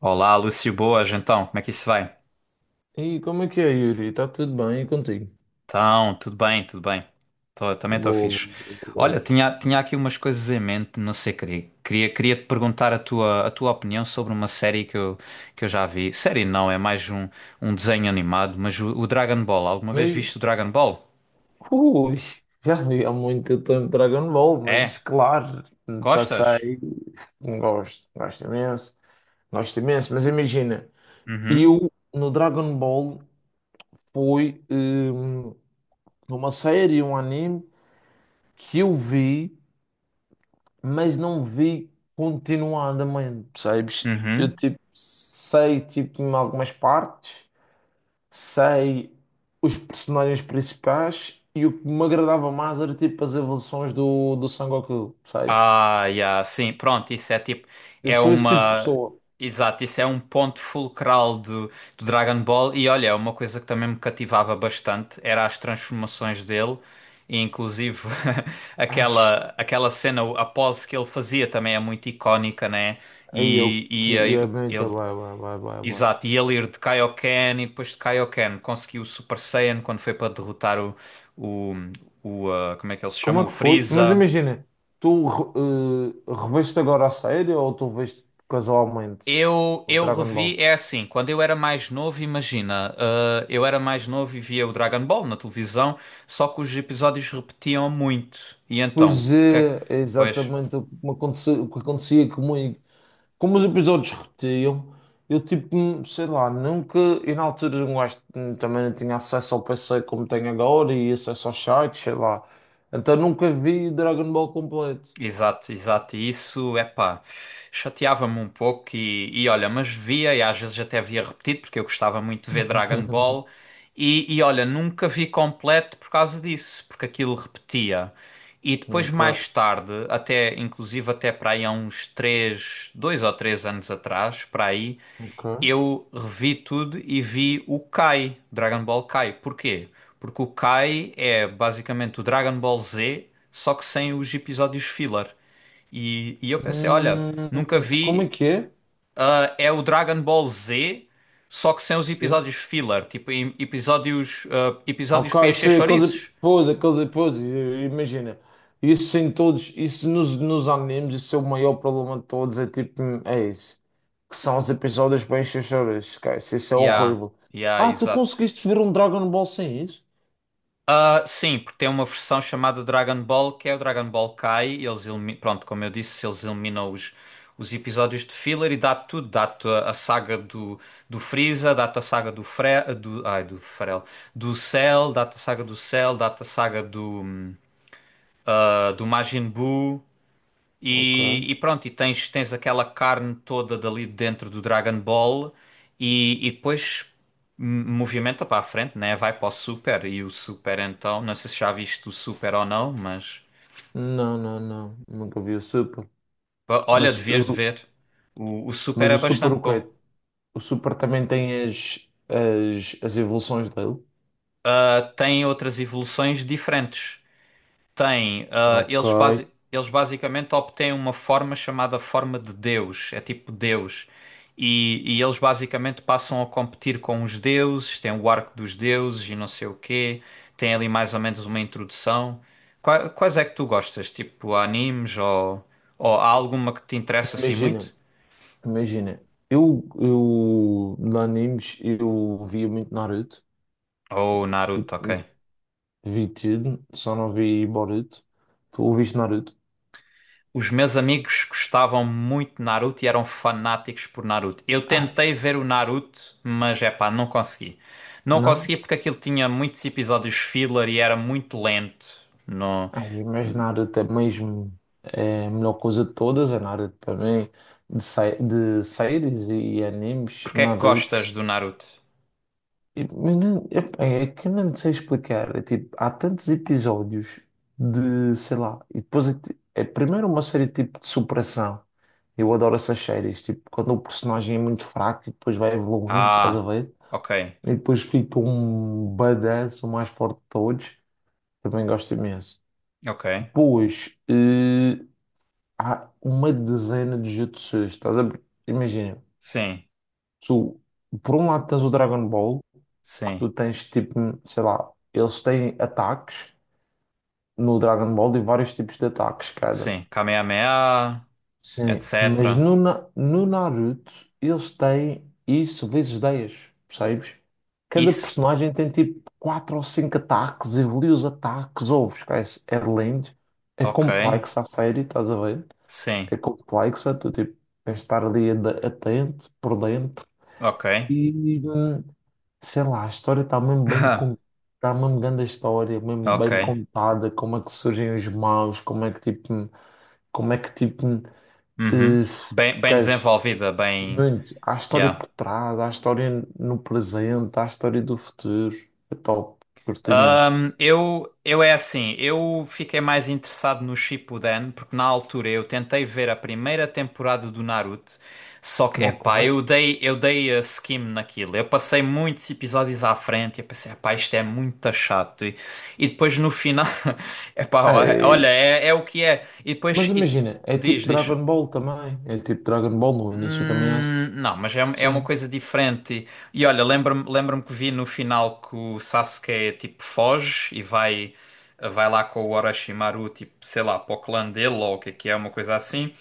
Olá, Lúcio, boas, então, como é que isso vai? E como é que é, Yuri? Está tudo bem e contigo? Então, tudo bem, tudo bem. Também estou Boa, fixe. Olha, boa. tinha aqui umas coisas em mente, não sei, queria te perguntar a tua opinião sobre uma série que eu já vi. Série não, é mais um desenho animado, mas o Dragon Ball, alguma vez E, viste o Dragon Ball? ui, Já vi há muito tempo Dragon Ball, mas É? claro, Gostas? passei, gosto, gosto imenso, mas imagina, Uhum, eu no Dragon Ball foi uma série, um anime que eu vi, mas não vi continuadamente, percebes? Eu uhum. tipo sei tipo em algumas partes sei os personagens principais e o que me agradava mais era tipo as evoluções do Sangoku, sabes? Ah, yeah, sim, pronto, isso é tipo, Eu é sou esse tipo de uma, pessoa. exato, isso é um ponto fulcral do Dragon Ball e olha, é uma coisa que também me cativava bastante era as transformações dele e inclusive Ai, aquela cena, a pose que ele fazia também é muito icónica, né? aí eu E, que e aí é muito ele, vai, vai, vai, vai, vai. exato, e ele ir de Kaioken e depois de Kaioken conseguiu o Super Saiyan quando foi para derrotar o, o como é que ele se Como chama? é O que foi? Mas Freeza. imagina, tu reveste agora a série ou tu veste casualmente Eu, o eu Dragon revi, Ball? é assim, quando eu era mais novo, imagina, eu era mais novo e via o Dragon Ball na televisão, só que os episódios repetiam muito. E então, Pois o que é que. é, é Pois, exatamente o que me aconteceu, o que acontecia comigo. Como os episódios repetiam, eu tipo, sei lá, nunca. E na altura um gajo também não tinha acesso ao PC como tenho agora e acesso aos sites, sei lá. Então nunca vi Dragon Ball completo. exato, exato. E isso, epá, chateava-me um pouco e olha, mas via e às vezes até via repetido porque eu gostava muito de ver Dragon Ball e olha, nunca vi completo por causa disso, porque aquilo repetia. E depois Nunca, mais tarde, até inclusive até para aí há uns três, dois ou três anos atrás, para aí, nunca. eu revi tudo e vi o Kai, Dragon Ball Kai. Porquê? Porque o Kai é basicamente o Dragon Ball Z, só que sem os episódios filler. E eu pensei, olha, Hum, nunca como é vi, que é? É o Dragon Ball Z, só que sem os episódios filler, tipo episódios, episódios Ok, para encher sim, chouriços. Aqueles pois, imagina, isso em todos, isso nos animes, isso é o maior problema de todos, é tipo, é isso, que são os episódios bem xoxoras, esquece, isso é Yeah, horrível. yeah, Ah, tu exato. conseguiste ver um Dragon Ball sem isso? Ah, sim, porque tem uma versão chamada Dragon Ball, que é o Dragon Ball Kai. Pronto, como eu disse, eles eliminam os episódios de filler e dá tudo. Dá-te a saga do Freeza, dá-te a saga do do Cell, dá-te a saga do Cell, dá-te a saga do Majin Buu. Ok. E pronto, e tens aquela carne toda dali dentro do Dragon Ball e depois movimenta para a frente, né? Vai para o Super e o Super então, não sei se já viste o Super ou não, mas Não, nunca vi o Super, pá, olha, mas, devias de o- ver. O Super mas é o Super bastante o quê? bom. O Super também tem as evoluções dele? Ah, tem outras evoluções diferentes. Tem, ah, Ok, eles, basi- eles basicamente obtêm uma forma chamada forma de Deus, é tipo Deus. E eles basicamente passam a competir com os deuses, tem o arco dos deuses e não sei o quê, tem ali mais ou menos uma introdução. Quais é que tu gostas? Tipo animes ou, há alguma que te interessa assim imagina. muito? Imagina, eu de animes eu via muito Naruto, Ou Naruto, ok. tipo, vi tudo, só não vi Boruto. Tu ouviste Naruto? Os meus amigos gostavam muito de Naruto e eram fanáticos por Naruto. Eu tentei Ai, ver o Naruto, mas é pá, não consegui. Não não? consegui porque aquilo tinha muitos episódios filler e era muito lento. Não. Ai, mas Naruto é mesmo é a melhor coisa de todas, é Naruto para mim, de séries e animes, Porque é que Naruto. gostas do Naruto? Eu não- eu- É que eu não sei explicar. É tipo, há tantos episódios de, sei lá, e depois é, é primeiro uma série tipo de superação. Eu adoro essas séries, tipo, quando o personagem é muito fraco e depois vai evoluindo, estás a Ah, ver? ok, E depois fica um badass, o mais forte de todos. Também gosto imenso. ok. Depois, há uma dezena de jutsus, estás a ver? Imagina, Sim, tu, por um lado tens o Dragon Ball, que sim, tu tens tipo, sei lá, eles têm ataques no Dragon Ball e vários tipos de ataques cada. sim. Kamehameha, Sim, mas etc. No Naruto eles têm isso vezes dez, percebes? Cada Isso? personagem tem tipo 4 ou 5 ataques, evolui os ataques, ouves, esquece, é lindo, é Ok, complexo a série, estás a ver? sim, É complexa, tu tipo, tens de estar ali atento, por dentro. ok. E, hum, sei lá, a história está mesmo bem contada, está mesmo grande a história, mesmo Ok, bem contada, como é que surgem os maus, como é que tipo, uhum. Bem, bem esquece, desenvolvida, bem. muito, há história Yeah. por trás, há história no presente, há história do futuro, é top, curto imenso. Eu é assim, eu fiquei mais interessado no Shippuden, porque na altura eu tentei ver a primeira temporada do Naruto, só que, epá, Ok. eu dei a skim naquilo, eu passei muitos episódios à frente e eu pensei, epá, isto é muito chato, e depois no final, epá, É, olha, é o que é, e depois, mas imagina, é diz, tipo diz. Dragon Ball também, é tipo Dragon Ball no início também é Não, mas é uma assim. coisa diferente. E olha, lembra-me que vi no final que o Sasuke tipo foge e vai lá com o Orochimaru, tipo, sei lá, para o clã dele ou o que é, uma coisa assim.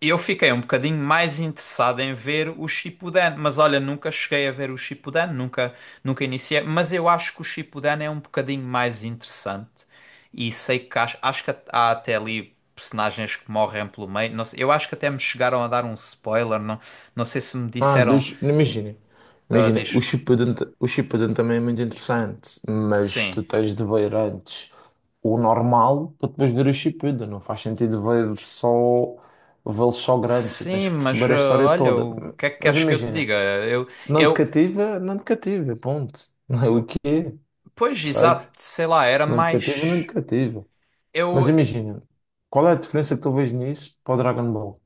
Eu fiquei um bocadinho mais interessado em ver o Shippuden, mas olha, nunca cheguei a ver o Shippuden, nunca iniciei, mas eu acho que o Shippuden é um bocadinho mais interessante. E sei que acho que há até ali personagens que morrem pelo meio, não sei, eu acho que até me chegaram a dar um spoiler, não, não sei se me Ah, disseram, dos, imagina, diz, o Shippuden também é muito interessante, mas sim. tu tens de ver antes o normal para depois ver o Shippuden, não faz sentido ver só, vê-los só grandes, tu tens Sim, que mas perceber a história olha, toda. o que é que Mas queres que eu te imagina, diga? Eu, se não te eu, cativa, não te cativa, ponto. Não é o que é, pois, percebes? exato, sei lá, era Não te mais. cativa. Mas Eu, imagina, qual é a diferença que tu vês nisso para o Dragon Ball?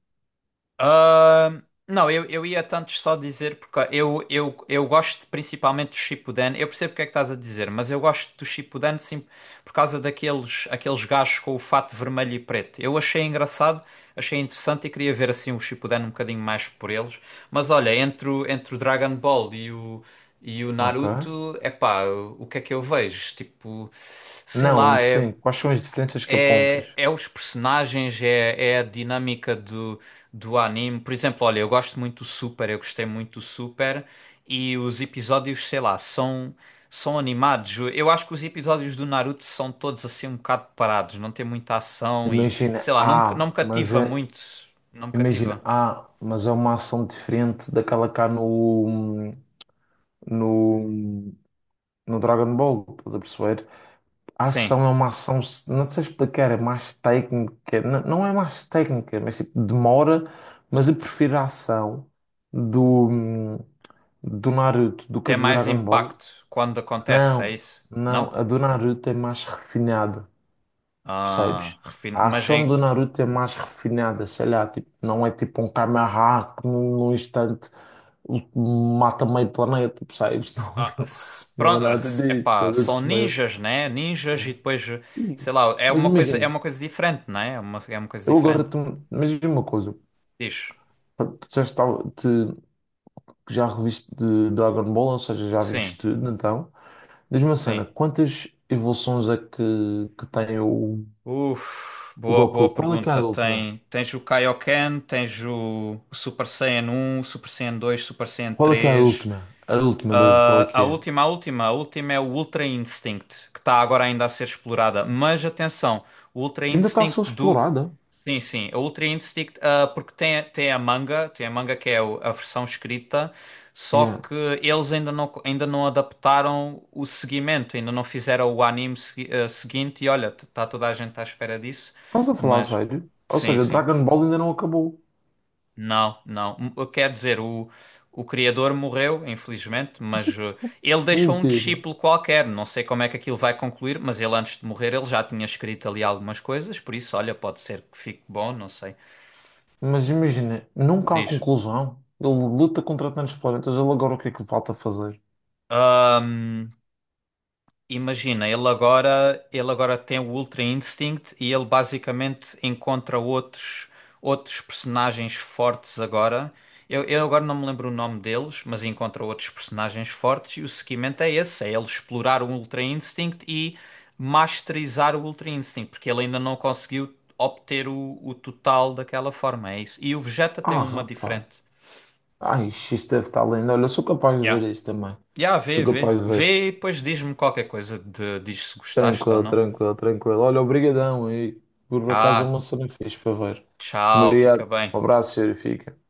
Ah, não, eu ia tanto só dizer porque eu gosto principalmente do Shippuden. Eu percebo o que é que estás a dizer, mas eu gosto do Shippuden sim, por causa daqueles aqueles gajos com o fato vermelho e preto. Eu achei engraçado, achei interessante e queria ver assim o Shippuden um bocadinho mais por eles. Mas olha, entre o Dragon Ball e o Ok? Naruto, é pá, o que é que eu vejo? Tipo, sei Não, lá, é. sim, quais são as diferenças que É, apontas? é os personagens, é a dinâmica do anime. Por exemplo, olha, eu gosto muito do Super, eu gostei muito do Super, e os episódios, sei lá, são animados. Eu acho que os episódios do Naruto são todos assim um bocado parados, não tem muita ação e, Imagina, sei lá, não, não me ah, mas cativa é, muito. Não me imagina, cativa. ah, mas é uma ação diferente daquela cá no, no Dragon Ball, estás a perceber? A Sim, ação é uma ação, não sei explicar, é mais técnica, não, não é mais técnica, mas tipo, demora, mas eu prefiro a ação do, do Naruto do que a tem do mais Dragon Ball. impacto quando acontece, é Não, isso? não, Não? a do Naruto é mais refinada. Ah, Percebes? A mas ação do Naruto é mais refinada, sei lá, tipo, não é tipo um Kamehameha que num instante mata meio planeta, percebes? Ah, Não, não é pronto, nada disso, epá, estás a são perceber? ninjas, né? É. Ninjas e depois, E- sei lá, é Mas uma coisa, é imagina, uma coisa diferente, né? É uma coisa eu agora, diferente. te, mas diz-me uma coisa, Diz. tu disseste que que já reviste de Dragon Ball, ou seja, já viste Sim, tudo, então, diz-me uma cena, sim. quantas evoluções é que tem Uf, o boa, Goku? boa pergunta. Tem, tens o Kaioken, tens o Super Saiyan 1, Super Saiyan 2, Super Saiyan Qual é que é a 3. última? A última, Dave, qual é A, que a é? última, a última, a última é o Ultra Instinct, que está agora ainda a ser explorada. Mas atenção, o Ultra Ainda está a ser Instinct do. explorada. Sim, sim. O Ultra Instinct, porque tem, a manga, tem a manga que é a versão escrita, só Yeah. que eles ainda não, adaptaram o seguimento, ainda não fizeram o anime seguinte, e olha, está toda a gente à espera disso, Estás a falar a mas sério? Ou sim, seja, sim. Dragon Ball ainda não acabou. Não, não. Quer dizer, o criador morreu, infelizmente, mas ele deixou um Mentira. discípulo qualquer. Não sei como é que aquilo vai concluir, mas ele antes de morrer ele já tinha escrito ali algumas coisas, por isso, olha, pode ser que fique bom, não sei. Mas imagina, nunca há Diz. conclusão. Ele luta contra tantos planetas, ele agora o que é que falta fazer? Ahm, imagina, ele agora tem o Ultra Instinct e ele basicamente encontra outros personagens fortes agora. Eu agora não me lembro o nome deles, mas encontra outros personagens fortes e o seguimento é esse, é ele explorar o Ultra Instinct e masterizar o Ultra Instinct, porque ele ainda não conseguiu obter o total daquela forma, é isso. E o Vegeta tem Ah, uma rapaz. diferente. Ai, isto isto deve estar lindo. Olha, eu sou capaz de ver Yeah. isto também. Yeah, Sou vê, vê. capaz de ver. Vê e depois diz-me qualquer coisa de, diz se gostaste ou Tranquilo, não. tranquilo, tranquilo. Olha, obrigadão aí. Por acaso é Ah, uma cena fixe para ver. tchau, Obrigado. fica bem. Um abraço, senhor. Fica.